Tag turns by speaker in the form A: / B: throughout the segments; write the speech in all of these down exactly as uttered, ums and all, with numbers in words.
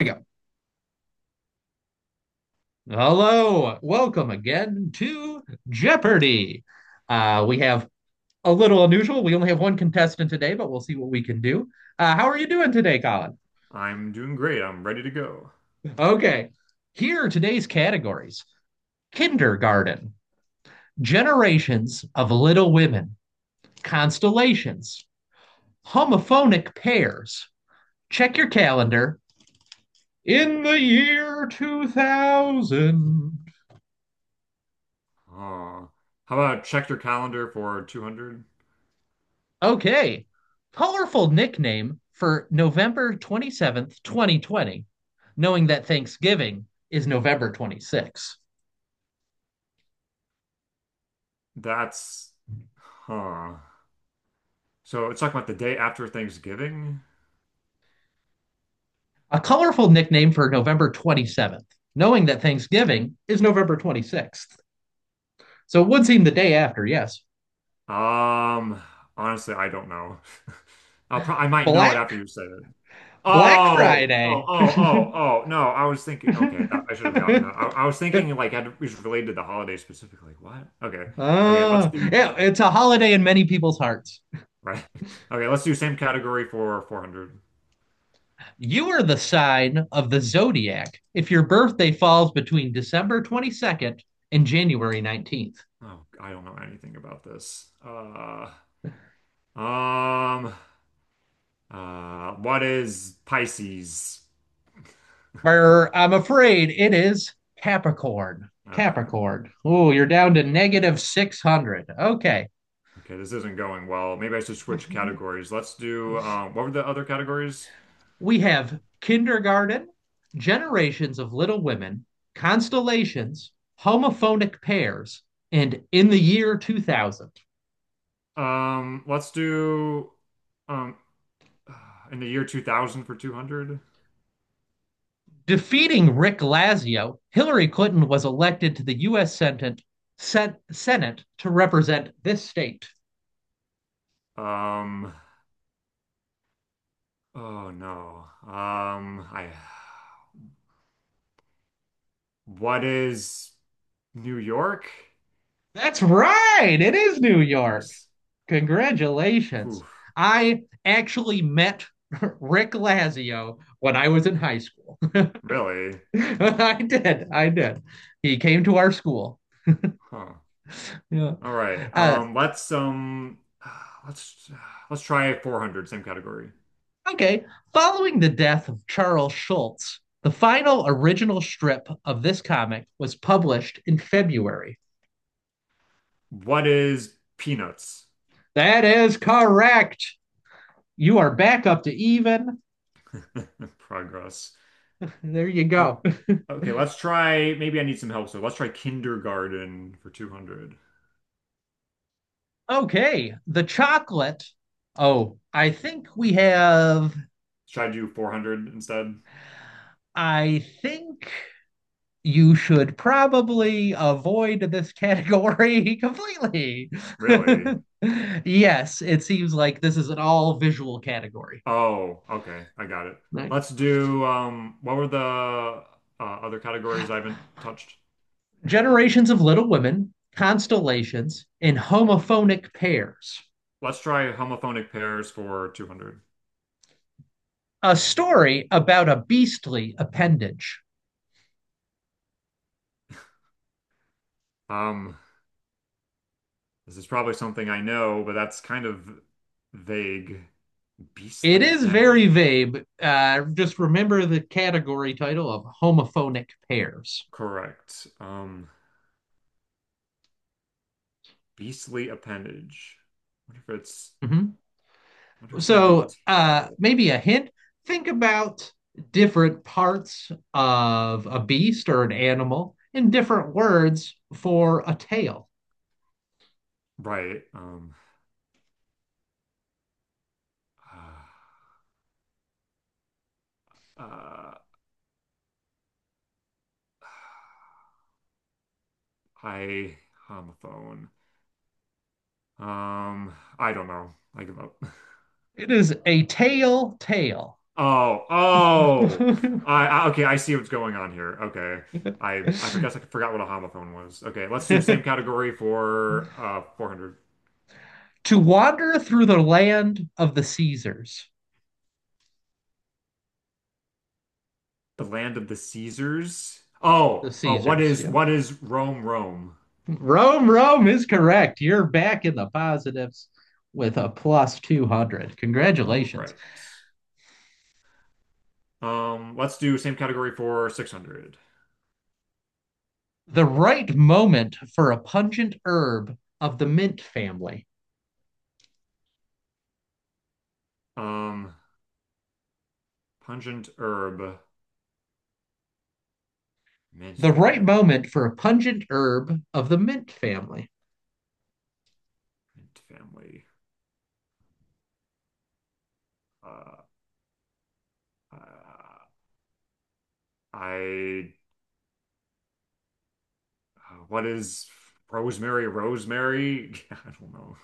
A: There we go. Hello, welcome again to Jeopardy. Uh, we have a little unusual. We only have one contestant today, but we'll see what we can do. Uh, how are you doing today, Colin?
B: I'm doing great. I'm ready to go.
A: Okay. Here are today's categories kindergarten, generations of little women, constellations, homophonic pairs. Check your calendar. In the year two thousand,
B: Uh, how about check your calendar for two hundred?
A: okay. Colorful nickname for November twenty-seventh, twenty twenty, knowing that Thanksgiving is November twenty-sixth.
B: That's, huh. So it's talking about the day after Thanksgiving.
A: A colorful nickname for November twenty-seventh, knowing that Thanksgiving is November twenty-sixth. So it would seem the day after, yes.
B: Um, Honestly, I don't know. I'll pro I might know it after you
A: Black
B: say it.
A: Black
B: Oh, oh,
A: Friday.
B: oh, oh, oh. No, I was thinking. Okay, that, I should have gotten that. I, I was thinking like had, it was related to the holiday specifically. What? Okay, okay. Let's
A: Ah,
B: do
A: yeah, it's a holiday in many people's hearts.
B: right. Okay, let's do same category for four hundred.
A: You are the sign of the zodiac if your birthday falls between December twenty-second and January nineteenth.
B: Oh, I don't know anything about this. Uh, um, uh, what is Pisces?
A: Brr, I'm afraid it is Capricorn.
B: Okay.
A: Capricorn. Oh, you're down to negative six hundred. Okay.
B: Okay, this isn't going well. Maybe I should switch categories. Let's do, um, what were the other categories?
A: we have kindergarten, generations of little women, constellations, homophonic pairs, and in the year two thousand.
B: Um, let's do, um, in the year two thousand for two hundred.
A: Defeating Rick Lazio, Hillary Clinton was elected to the U S. Senate, Sen- Senate to represent this state.
B: Um, oh no. Um, I, what is New York?
A: That's right. It is New York.
B: Nice.
A: Congratulations.
B: Poof.
A: I actually met Rick Lazio when I was in high school.
B: Really?
A: I did. I did. He came to our school.
B: Huh.
A: Yeah.
B: All right.
A: Uh,
B: Um, let's um let's let's try four hundred, same category.
A: okay. Following the death of Charles Schulz, the final original strip of this comic was published in February.
B: What is peanuts?
A: That is correct. You are back up to even.
B: Progress.
A: There you
B: Oh,
A: go.
B: okay, let's try, maybe I need some help, so let's try kindergarten for two hundred.
A: Okay, the chocolate. Oh, I think we have.
B: Should I do four hundred instead?
A: I think you should probably avoid this category completely.
B: Really?
A: yes, it seems like this is an all visual category.
B: Oh, okay. I got it.
A: Right.
B: Let's do um what were the uh, other categories I haven't touched?
A: Generations of Little Women, Constellations, and Homophonic Pairs.
B: Let's try homophonic pairs for two hundred.
A: A story about a beastly appendage.
B: Um This is probably something I know, but that's kind of vague.
A: It
B: Beastly
A: is very
B: appendage.
A: vague. Uh, just remember the category title of homophonic pairs.
B: Correct. Um, beastly appendage. Wonder if it's
A: Mhm.
B: Wonder if it's something to do
A: So
B: with
A: uh,
B: tail.
A: maybe a hint. Think about different parts of a beast or an animal in different words for a tail.
B: Right. Um uh, uh I Homophone. Um I don't know. I give up.
A: It is a tail tale.
B: Oh, oh. I, I Okay, I see what's going on here. Okay. I I forgot I forgot what a homophone was. Okay, let's do same category for uh four hundred.
A: to wander through the land of the Caesars.
B: The land of the Caesars.
A: The
B: Oh, oh! What
A: Caesars,
B: is
A: yeah.
B: what is Rome, Rome?
A: Rome, Rome is correct. You're back in the positives with a plus two hundred.
B: All
A: Congratulations.
B: right. Um, let's do same category for six hundred.
A: The right moment for a pungent herb of the mint family.
B: Um, Pungent herb, mint
A: The right
B: family,
A: moment for a pungent herb of the mint family.
B: mint family. Uh, uh, I Uh, what is rosemary, rosemary? I don't know.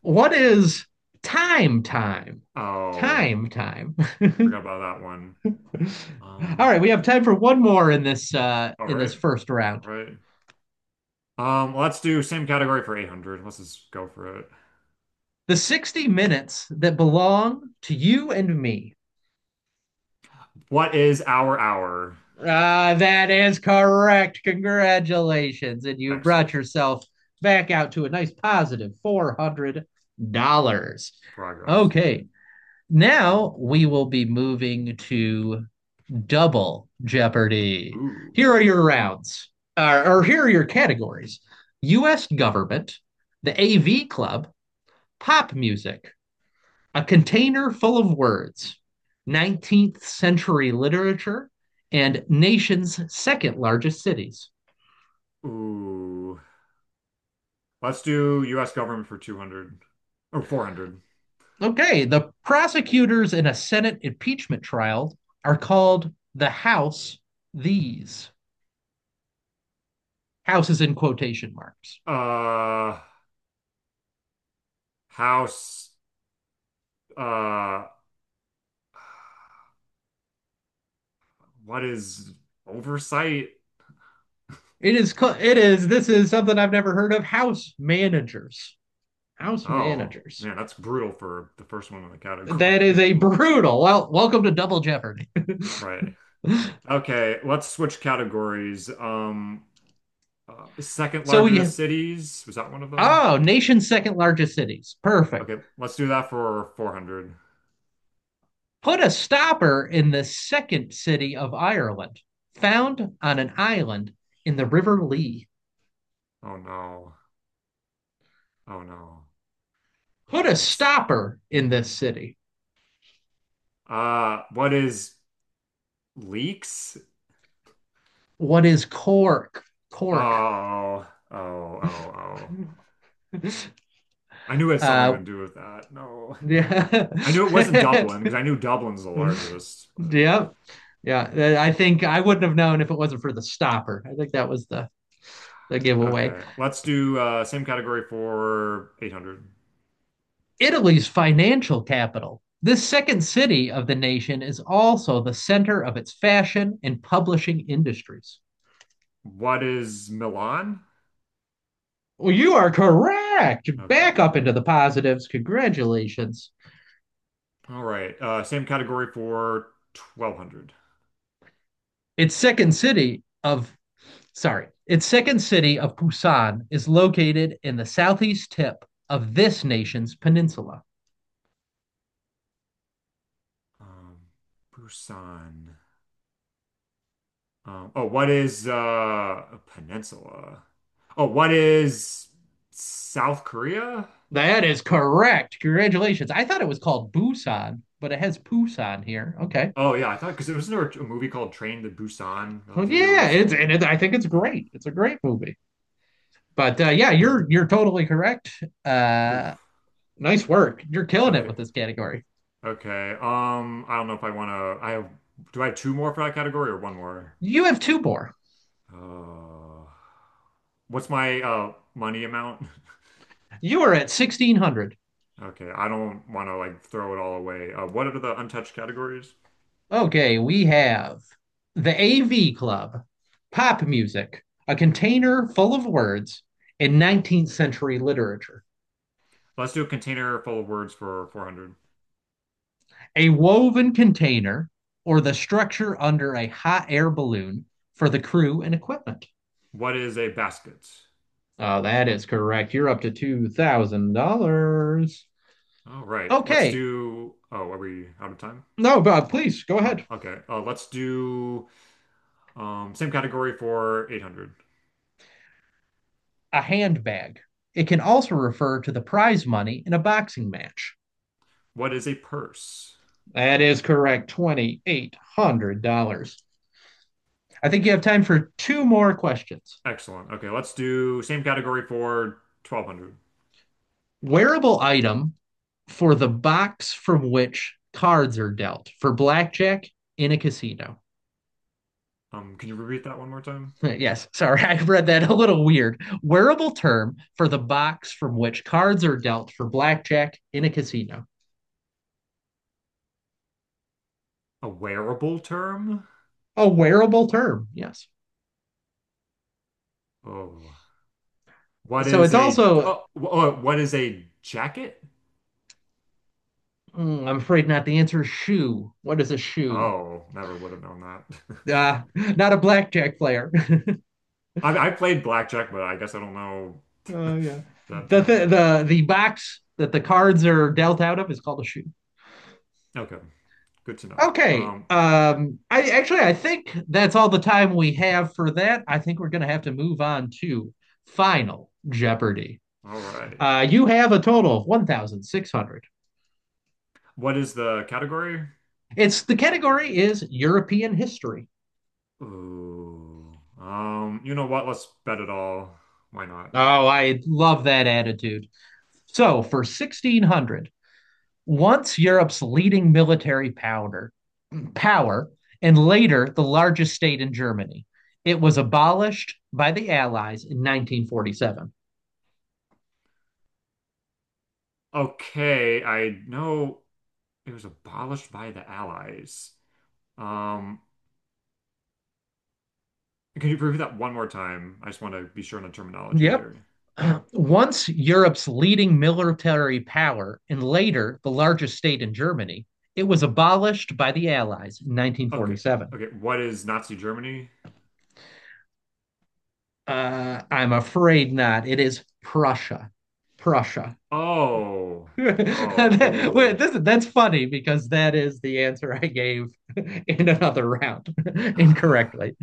A: What is time time?
B: Oh,
A: Time time.
B: Forgot about that one.
A: All
B: Um,
A: right, we have time for one more in this uh
B: all
A: in this
B: right,
A: first round.
B: all right. Um, let's do same category for eight hundred. Let's just go for it.
A: The sixty minutes that belong to you and me.
B: What is our hour?
A: Uh, that is correct. Congratulations. And you brought
B: Excellent.
A: yourself back out to a nice four hundred dollars.
B: Progress.
A: Okay. Now we will be moving to double Jeopardy.
B: Ooh.
A: Here are your rounds, uh, or Here are your categories U S government, the A V club, pop music, a container full of words, nineteenth century literature, and nation's second largest cities.
B: Ooh. Let's do U S government for two hundred or four hundred.
A: Okay, the prosecutors in a Senate impeachment trial are called the House these. House is in quotation marks.
B: Uh, House. Uh, what is oversight?
A: It is, it is, this is something I've never heard of, House Managers. House
B: Oh,
A: Managers.
B: man, that's brutal for the first one in the
A: That is a
B: category.
A: brutal. Well, welcome to Double Jeopardy.
B: Right. Okay, let's switch categories. Um, uh, second
A: So we,
B: largest cities, was that one of them?
A: oh, nation's second largest cities. Perfect.
B: Okay, let's do that for four hundred.
A: Put a stopper in the second city of Ireland, found on an island in the River Lee.
B: Oh no. Oh no.
A: Put
B: Um,
A: a
B: It's
A: stopper in this city.
B: uh what is leaks?
A: What is Cork? Cork.
B: Oh, oh, oh, oh. I knew it had something to
A: uh,
B: do with that. No.
A: yeah.
B: I knew it wasn't Dublin because I knew Dublin's the largest. But
A: yeah. Yeah. I think I wouldn't have known if it wasn't for the stopper. I think that was the, the giveaway.
B: okay. Let's do uh same category for eight hundred.
A: Italy's financial capital. This second city of the nation is also the center of its fashion and publishing industries.
B: What is Milan?
A: Well, you are correct.
B: Okay.
A: Back up into the positives. Congratulations.
B: All right. Uh same category for twelve hundred.
A: Its second city of, sorry, its second city of Busan is located in the southeast tip of this nation's peninsula.
B: Um Busan. Um, oh, what is uh, a peninsula? Oh, what is South Korea?
A: That is correct. Congratulations. I thought it was called Busan, but it has Busan here. Okay.
B: Oh yeah, I thought because there was another a movie called Train to Busan
A: Well,
B: relatively
A: yeah, it's and
B: recently.
A: it, I think it's
B: Oh,
A: great. It's a great movie. But uh, yeah, you're you're totally correct.
B: whew.
A: Uh, nice work. You're killing it
B: Okay,
A: with this category.
B: okay. Um, I don't know if I want to. I have. Do I have two more for that category or one more?
A: You have two more.
B: Uh, what's my uh money amount?
A: You are at sixteen hundred.
B: Okay, I don't want to like throw it all away. Uh, what are the untouched categories?
A: Okay, we have the A V Club, pop music, a container full of words in nineteenth century literature,
B: Let's do a container full of words for four hundred.
A: a woven container, or the structure under a hot air balloon for the crew and equipment.
B: What is a basket?
A: Oh, that is correct. You're up to two thousand dollars.
B: All right. Let's
A: Okay.
B: do. Oh, are we out of time?
A: No, but please go
B: Oh,
A: ahead.
B: okay. Uh, let's do um, same category for eight hundred.
A: A handbag. It can also refer to the prize money in a boxing match.
B: What is a purse?
A: That is correct, two thousand eight hundred dollars. I think you have time for two more questions.
B: Excellent. Okay, let's do same category for twelve hundred.
A: Wearable item for the box from which cards are dealt for blackjack in a casino.
B: Um, can you repeat that one more time?
A: Yes, sorry, I read that a little weird. Wearable term for the box from which cards are dealt for blackjack in a casino.
B: A wearable term?
A: A wearable term, yes.
B: Oh, what
A: So
B: is
A: it's
B: a
A: also
B: oh, wh- oh, what is a jacket?
A: Mm, I'm afraid not. The answer is shoe. What is a shoe?
B: Oh, never would have known that.
A: Ah, not a blackjack player.
B: I, I played blackjack, but I guess I don't know
A: Oh yeah.
B: that
A: The
B: term.
A: th the the box that the cards are dealt out of is called a shoe.
B: Okay, good to know.
A: Okay.
B: Um,
A: Um, I actually I think that's all the time we have for that. I think we're gonna have to move on to Final Jeopardy.
B: all right.
A: Uh, you have a total of one thousand six hundred.
B: What is the category?
A: It's the category is European history.
B: Ooh. Um, you know what? Let's bet it all. Why not?
A: Oh, I love that attitude. So for sixteen hundred, once Europe's leading military powder, power, and later the largest state in Germany. It was abolished by the Allies in nineteen forty-seven.
B: Okay, I know it was abolished by the Allies. Um, can you repeat that one more time? I just want to be sure on the terminology
A: Yep.
B: here.
A: Once Europe's leading military power and later the largest state in Germany, it was abolished by the Allies in
B: Okay.
A: nineteen forty-seven.
B: Okay, what is Nazi Germany?
A: Uh, I'm afraid not. It is Prussia. Prussia.
B: Oh. Oh, ooh.
A: this, that's funny because that is the answer I gave in another round
B: Ah,
A: incorrectly.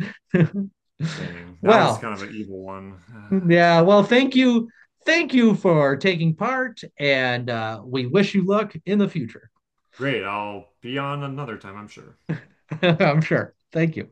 B: dang. That was
A: Well,
B: kind of an evil one. Ah.
A: yeah, well, thank you. Thank you for taking part, and uh, we wish you luck in the future.
B: Great, I'll be on another time, I'm sure.
A: I'm sure. Thank you.